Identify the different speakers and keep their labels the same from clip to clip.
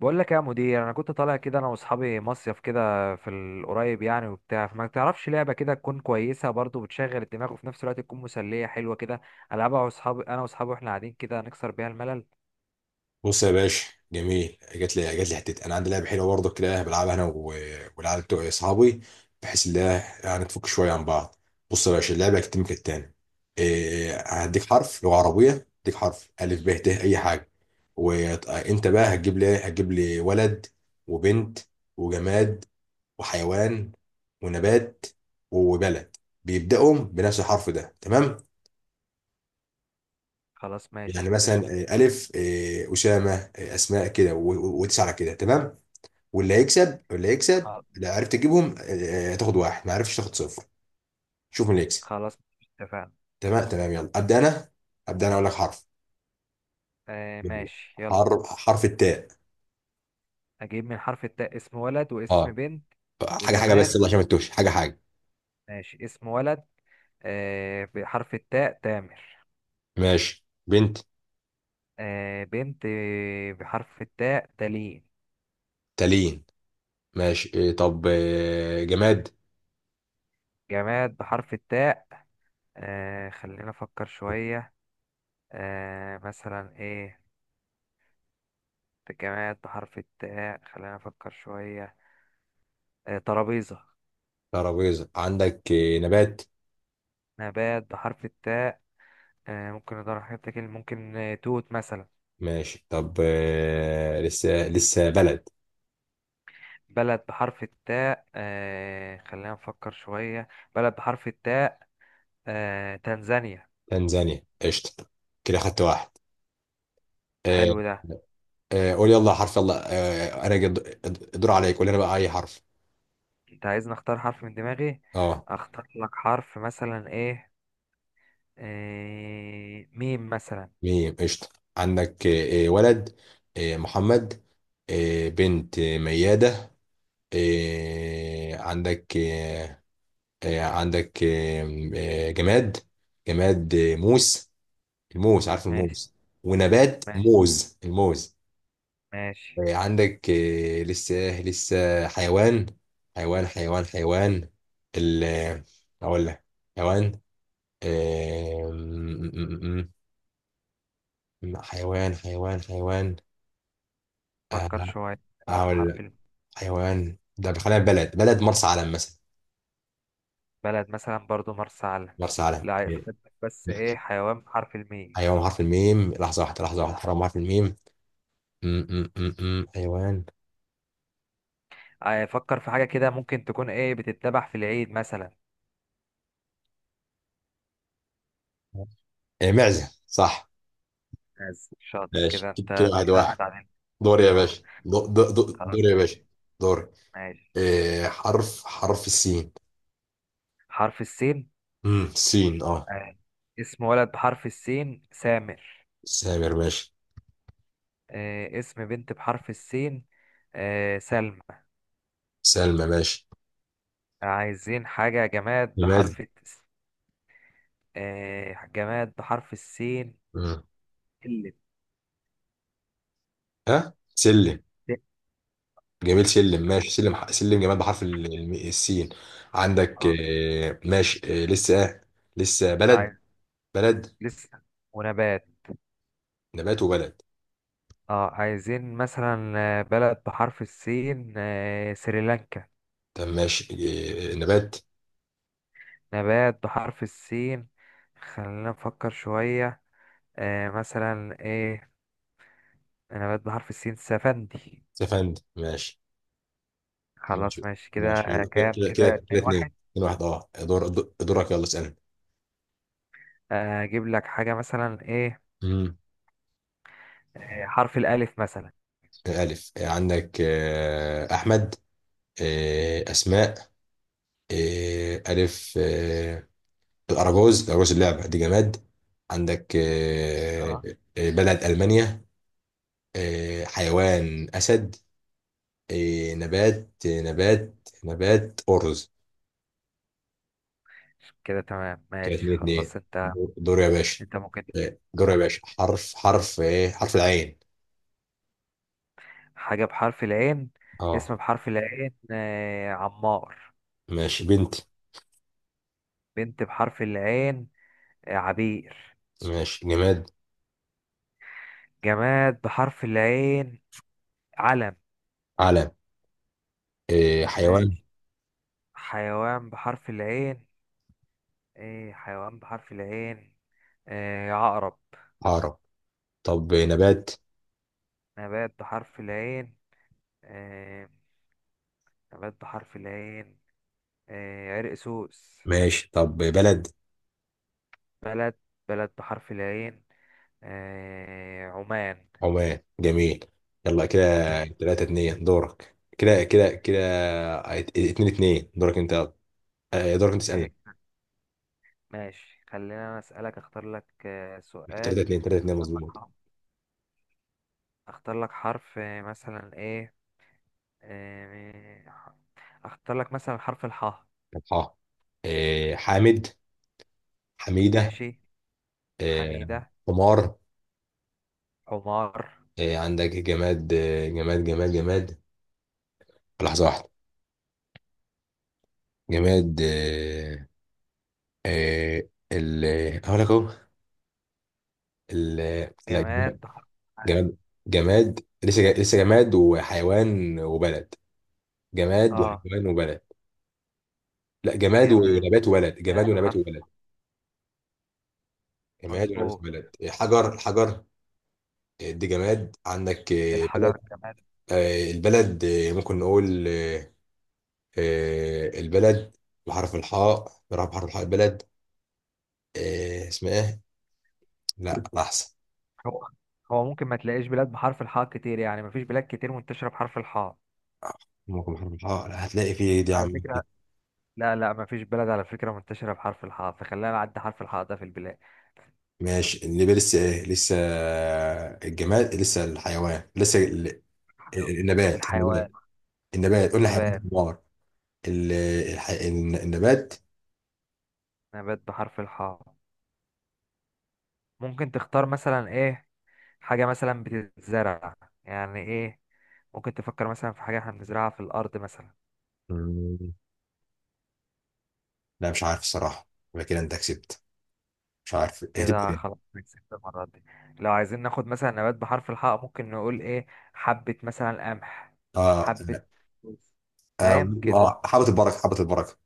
Speaker 1: بقول لك يا مدير، انا كنت طالع كده انا واصحابي مصيف كده في القريب، يعني وبتاع. فما تعرفش لعبه كده تكون كويسه برضو، بتشغل الدماغ وفي نفس الوقت تكون مسليه حلوه كده، العبها انا واصحابي واحنا قاعدين كده نكسر بيها الملل.
Speaker 2: بص يا باشا. جميل. جات لي حته. انا عندي لعبه حلوه برضه كده بلعبها انا والعيال بتوع اصحابي، بحيث ان هي يعني تفك شويه عن بعض. بص يا باشا، اللعبه هتتم كالتالي، هديك حرف لغه عربيه، هديك حرف الف، ب، ت، اي حاجه، وانت بقى هتجيب لي ولد وبنت وجماد وحيوان ونبات وبلد بيبداوا بنفس الحرف ده، تمام؟
Speaker 1: خلاص
Speaker 2: يعني
Speaker 1: ماشي
Speaker 2: مثلا
Speaker 1: قشطه.
Speaker 2: الف اسامه اسماء كده وتسعه كده، تمام. واللي هيكسب
Speaker 1: خ-
Speaker 2: لو عرفت تجيبهم تاخد واحد، ما عرفتش تاخد صفر. شوف مين اللي يكسب.
Speaker 1: خلاص اتفقنا.
Speaker 2: تمام، يلا ابدا انا. اقول لك حرف.
Speaker 1: آه
Speaker 2: يلا.
Speaker 1: ماشي يلا.
Speaker 2: حرف التاء.
Speaker 1: اجيب من حرف التاء اسم ولد واسم
Speaker 2: اه.
Speaker 1: بنت
Speaker 2: حاجه حاجه
Speaker 1: وجماد.
Speaker 2: بس، يلا عشان ما تتوهش، حاجه حاجه.
Speaker 1: ماشي اسم ولد. بحرف التاء تامر.
Speaker 2: ماشي، بنت،
Speaker 1: آه بنت بحرف التاء تالين.
Speaker 2: تالين. ماشي إيه طب آه، جماد.
Speaker 1: جماد بحرف التاء، خلينا أفكر شوية. مثلا إيه. جماد بحرف التاء خلينا أفكر شوية. ترابيزة.
Speaker 2: ترابيزه، عندك نبات.
Speaker 1: نبات بحرف التاء، ممكن ندور على حاجات كده، ممكن توت مثلا.
Speaker 2: ماشي طب، لسه بلد.
Speaker 1: بلد بحرف التاء، خلينا نفكر شوية. بلد بحرف التاء، تنزانيا.
Speaker 2: تنزانيا، قشطه. كده خدت واحد. آه،
Speaker 1: حلو ده.
Speaker 2: قول يلا حرف، يلا آه انا جد... الدور عليك، قول لنا بقى اي حرف.
Speaker 1: أنت عايزني أختار حرف من دماغي؟
Speaker 2: اه.
Speaker 1: أختار لك حرف مثلا إيه. ميم مثلا.
Speaker 2: ميم، قشطه. عندك ولد، آه محمد. آه، بنت، مياده. آه عندك آه آه، عندك آه آه، جماد. جماد موس. الموس، عارف
Speaker 1: ماشي
Speaker 2: الموس. ونبات،
Speaker 1: ماشي
Speaker 2: موز، الموز.
Speaker 1: ماشي.
Speaker 2: آه عندك آه لسه حيوان. حيوان. ال آه، اقول لك حيوان. أم- حيوان. أه،
Speaker 1: فكر شوية. حيوان
Speaker 2: هقول
Speaker 1: بحرف
Speaker 2: لك
Speaker 1: الم.
Speaker 2: حيوان ده، خلينا في بلد. مرسى علم مثلا.
Speaker 1: بلد مثلا برضو مرسى علم.
Speaker 2: مرسى علم.
Speaker 1: لا، فكرتك بس، ايه حيوان بحرف الميم.
Speaker 2: حيوان حرف الميم، لحظة واحدة، حرام، حرف الميم. م- م- م- م. حيوان،
Speaker 1: فكر في حاجة كده، ممكن تكون ايه بتتذبح في العيد مثلا.
Speaker 2: معزة، صح.
Speaker 1: بس شاطر
Speaker 2: ماشي
Speaker 1: كده
Speaker 2: كده،
Speaker 1: انت،
Speaker 2: واحد
Speaker 1: كده احنا
Speaker 2: واحد.
Speaker 1: تعادلنا.
Speaker 2: دور
Speaker 1: واحد
Speaker 2: يا
Speaker 1: واحد.
Speaker 2: باشا، دور
Speaker 1: خلاص
Speaker 2: يا باشا،
Speaker 1: ماشي.
Speaker 2: دور.
Speaker 1: ماشي.
Speaker 2: إيه، حرف السين.
Speaker 1: حرف السين.
Speaker 2: سين، اه.
Speaker 1: آه. اسم ولد بحرف السين سامر.
Speaker 2: سامر، ماشي.
Speaker 1: آه. اسم بنت بحرف السين. آه. سلمى.
Speaker 2: سلمى ماشي.
Speaker 1: عايزين حاجة جماد
Speaker 2: نماد.
Speaker 1: آه. جماد بحرف السين
Speaker 2: مم.
Speaker 1: اللي
Speaker 2: ها، سلم. جميل، سلم، ماشي. سلم سلم جمال بحرف السين. عندك ماشي لسه لسه بلد.
Speaker 1: عايز.
Speaker 2: بلد.
Speaker 1: لسه ونبات.
Speaker 2: نبات وبلد.
Speaker 1: اه عايزين مثلا، بلد بحرف السين، سريلانكا.
Speaker 2: طب ماشي. نبات،
Speaker 1: نبات بحرف السين، خلينا نفكر شوية. مثلا ايه. نبات بحرف السين سفندي.
Speaker 2: سفند، ماشي
Speaker 1: خلاص ماشي كده،
Speaker 2: ماشي، يلا. كده
Speaker 1: كام
Speaker 2: كده كده
Speaker 1: كده،
Speaker 2: كده
Speaker 1: اتنين
Speaker 2: اتنين
Speaker 1: واحد.
Speaker 2: اتنين واحد. اه، دورك، يلا اسألني.
Speaker 1: اجيب لك حاجة مثلا ايه.
Speaker 2: مم.
Speaker 1: حرف الألف مثلا.
Speaker 2: ألف. عندك أحمد، أسماء. آه، ألف آه، الأراجوز. اللعبة دي جماد. عندك
Speaker 1: اه.
Speaker 2: بلد ألمانيا. حيوان، أسد. آه، نبات آه، نبات نبات أرز.
Speaker 1: كده تمام
Speaker 2: كده
Speaker 1: ماشي
Speaker 2: اتنين اتنين.
Speaker 1: خلاص انت.
Speaker 2: دور يا باشا.
Speaker 1: ممكن
Speaker 2: دور يا باشا. حرف العين.
Speaker 1: حاجة بحرف العين.
Speaker 2: اه.
Speaker 1: اسم بحرف العين، عمار.
Speaker 2: ماشي، بنت.
Speaker 1: بنت بحرف العين، عبير.
Speaker 2: ماشي، جماد،
Speaker 1: جماد بحرف العين، علم.
Speaker 2: علم. حيوان،
Speaker 1: ماشي. حيوان بحرف العين. ايه حيوان بحرف العين؟ عقرب.
Speaker 2: عقرب. طب نبات.
Speaker 1: نبات بحرف العين. آه نبات بحرف العين عرق سوس.
Speaker 2: ماشي طب بلد.
Speaker 1: بلد بلد بحرف العين، عمان.
Speaker 2: عمان، جميل. يلا كده،
Speaker 1: ماشي.
Speaker 2: تلاتة اتنين. دورك. اتنين اتنين، دورك انت. دورك انت
Speaker 1: آه
Speaker 2: تسألني.
Speaker 1: ماشي. خلينا أنا أسألك، أختار لك
Speaker 2: تلاتة
Speaker 1: سؤال.
Speaker 2: اتنين تلاتة اتنين
Speaker 1: أختار لك
Speaker 2: مظبوط.
Speaker 1: حرف. أختار لك حرف، مثلا إيه. آه، ح- اختار لك مثلا حرف الحاء.
Speaker 2: اه. حامد، حميدة.
Speaker 1: ماشي.
Speaker 2: آه،
Speaker 1: حميدة.
Speaker 2: حمار.
Speaker 1: حمار.
Speaker 2: عندك جماد. جماد، لحظة واحدة. جماد. آه، آه، ال هقول لك اهو ال لا جماد.
Speaker 1: جماد بح... اه.
Speaker 2: جماد لسه جماد
Speaker 1: آه،
Speaker 2: وحيوان وبلد. لا،
Speaker 1: جماد بحرف
Speaker 2: جماد ونبات
Speaker 1: مظبوط.
Speaker 2: وبلد. حجر. دي جماد. عندك بلد.
Speaker 1: الحجر جماد.
Speaker 2: آه، البلد آه، ممكن نقول آه، آه، البلد بحرف الحاء. بحرف الحاء البلد. اسمها ايه؟ لا لا، احسن
Speaker 1: هو هو ممكن ما تلاقيش بلاد بحرف الحاء كتير، يعني مفيش بلاد كتير منتشرة بحرف الحاء،
Speaker 2: ممكن بحرف الحاء. لا، هتلاقي فيه، إيه دي يا
Speaker 1: على
Speaker 2: عم؟
Speaker 1: فكرة. لا لا، مفيش بلد على فكرة منتشرة بحرف الحاء، فخلينا نعدي حرف الحاء ده في البلاد.
Speaker 2: ماشي، النبي، لسه ايه لسه؟ الجماد لسه، الحيوان لسه،
Speaker 1: الحيوان.
Speaker 2: النبات
Speaker 1: الحيوان.
Speaker 2: النبات، قول لي حيوان،
Speaker 1: نبات.
Speaker 2: النار. ال- النبات.
Speaker 1: نبات بحرف الحاء، ممكن تختار مثلا ايه. حاجة مثلا بتتزرع، يعني ايه. ممكن تفكر مثلا في حاجة احنا بنزرعها في الأرض مثلا.
Speaker 2: مم، لا، مش عارف الصراحة، يبقى كده انت كسبت. مش عارف هتبقى
Speaker 1: كده
Speaker 2: ايه.
Speaker 1: خلاص كسبت المرة دي. لو عايزين ناخد مثلا نبات بحرف الحاء، ممكن نقول ايه. حبة مثلا قمح.
Speaker 2: اه،
Speaker 1: حبة
Speaker 2: اه.
Speaker 1: فوز. فاهم كده.
Speaker 2: حبة البركة.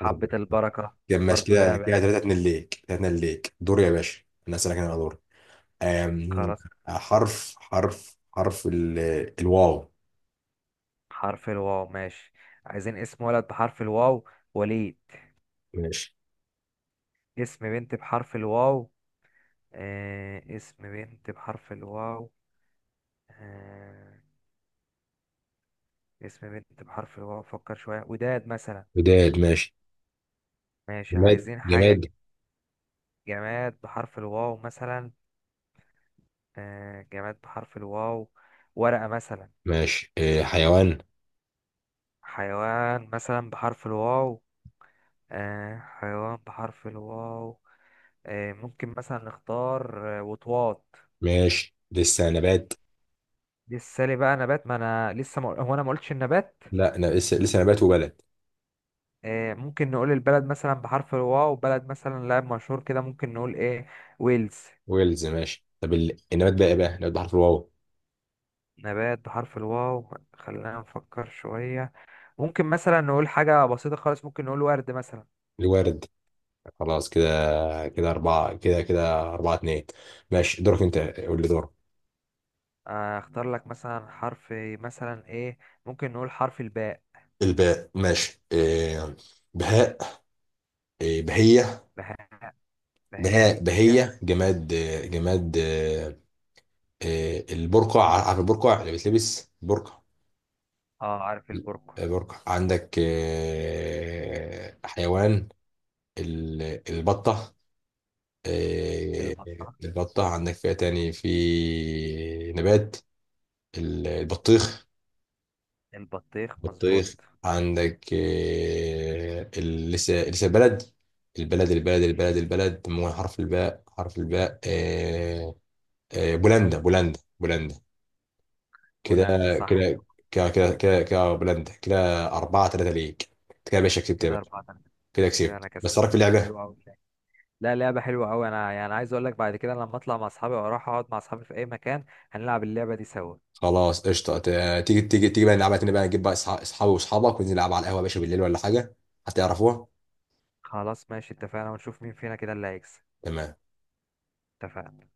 Speaker 2: حافظ البركة.
Speaker 1: البركة.
Speaker 2: كده ماشي،
Speaker 1: برضو ده
Speaker 2: كده كده،
Speaker 1: نبات.
Speaker 2: ثلاثة اتنين ليك. دور يا باشا، انا اسألك، انا دور. أم...
Speaker 1: خلاص.
Speaker 2: حرف حرف حرف ال... الواو.
Speaker 1: حرف الواو ماشي. عايزين اسم ولد بحرف الواو، وليد.
Speaker 2: ماشي.
Speaker 1: اسم بنت بحرف الواو. آه اسم بنت بحرف الواو آه اسم بنت بحرف الواو، فكر شوية، وداد مثلا.
Speaker 2: وداد، ماشي.
Speaker 1: ماشي،
Speaker 2: جماد
Speaker 1: عايزين حاجة.
Speaker 2: جماد
Speaker 1: جماد بحرف الواو مثلا، جماد بحرف الواو، ورقة مثلا.
Speaker 2: ماشي، إيه، حيوان.
Speaker 1: حيوان مثلا بحرف الواو، حيوان بحرف الواو، ممكن مثلا نختار وطواط.
Speaker 2: ماشي، لسه نبات.
Speaker 1: لسه لي بقى نبات، ما انا لسه ما... هو انا ما قلتش النبات.
Speaker 2: لا، أنا لسه نبات وبلد.
Speaker 1: ممكن نقول البلد مثلا بحرف الواو، بلد مثلا لاعب مشهور كده، ممكن نقول ايه. ويلز.
Speaker 2: ويلز، ماشي. طب النبات بقى، إيه بقى نبات بحرف الواو؟
Speaker 1: نبات بحرف الواو، خلينا نفكر شوية. ممكن مثلا نقول حاجة بسيطة خالص، ممكن نقول ورد مثلا.
Speaker 2: الورد. خلاص كده، أربعة اتنين. ماشي دورك أنت، قول لي دورك.
Speaker 1: اختار لك مثلا حرف، مثلا ايه. ممكن نقول حرف الباء.
Speaker 2: الباء، ماشي، إيه. بهاء، بهية.
Speaker 1: بها. هي.
Speaker 2: بهية. جماد، البرقع، عارف البرقع اللي بتلبس برقع.
Speaker 1: اه عارف البرقع.
Speaker 2: برقع. عندك حيوان، البطة. آه،
Speaker 1: البطة.
Speaker 2: عندك فيها تاني في نبات، البطيخ.
Speaker 1: البطيخ مظبوط.
Speaker 2: بطيخ. عندك لسه بلد. البلد، مو حرف الباء. بولندا. بولندا، كده
Speaker 1: بولند صح.
Speaker 2: كده كده بولندا، كده أربعة تلاتة ليك. كده يا باشا، كسبت يا
Speaker 1: كده
Speaker 2: باشا.
Speaker 1: أربعة تلاتة.
Speaker 2: كده
Speaker 1: كده أنا
Speaker 2: كسبت. بس
Speaker 1: كسبت.
Speaker 2: رأيك في اللعبة؟
Speaker 1: حلو أوي. لا، لعبة حلوة أوي. أنا يعني عايز أقول لك، بعد كده لما أطلع مع أصحابي أو أروح أقعد مع أصحابي في أي مكان، هنلعب اللعبة دي سوا.
Speaker 2: خلاص قشطة. تيجي بقى نلعبها تاني، بقى نجيب بقى أصحابي وأصحابك وننزل نلعب على القهوة يا باشا بالليل، ولا حاجة، هتعرفوها،
Speaker 1: خلاص ماشي اتفقنا، ونشوف مين فينا كده اللي هيكسب.
Speaker 2: تمام.
Speaker 1: اتفقنا.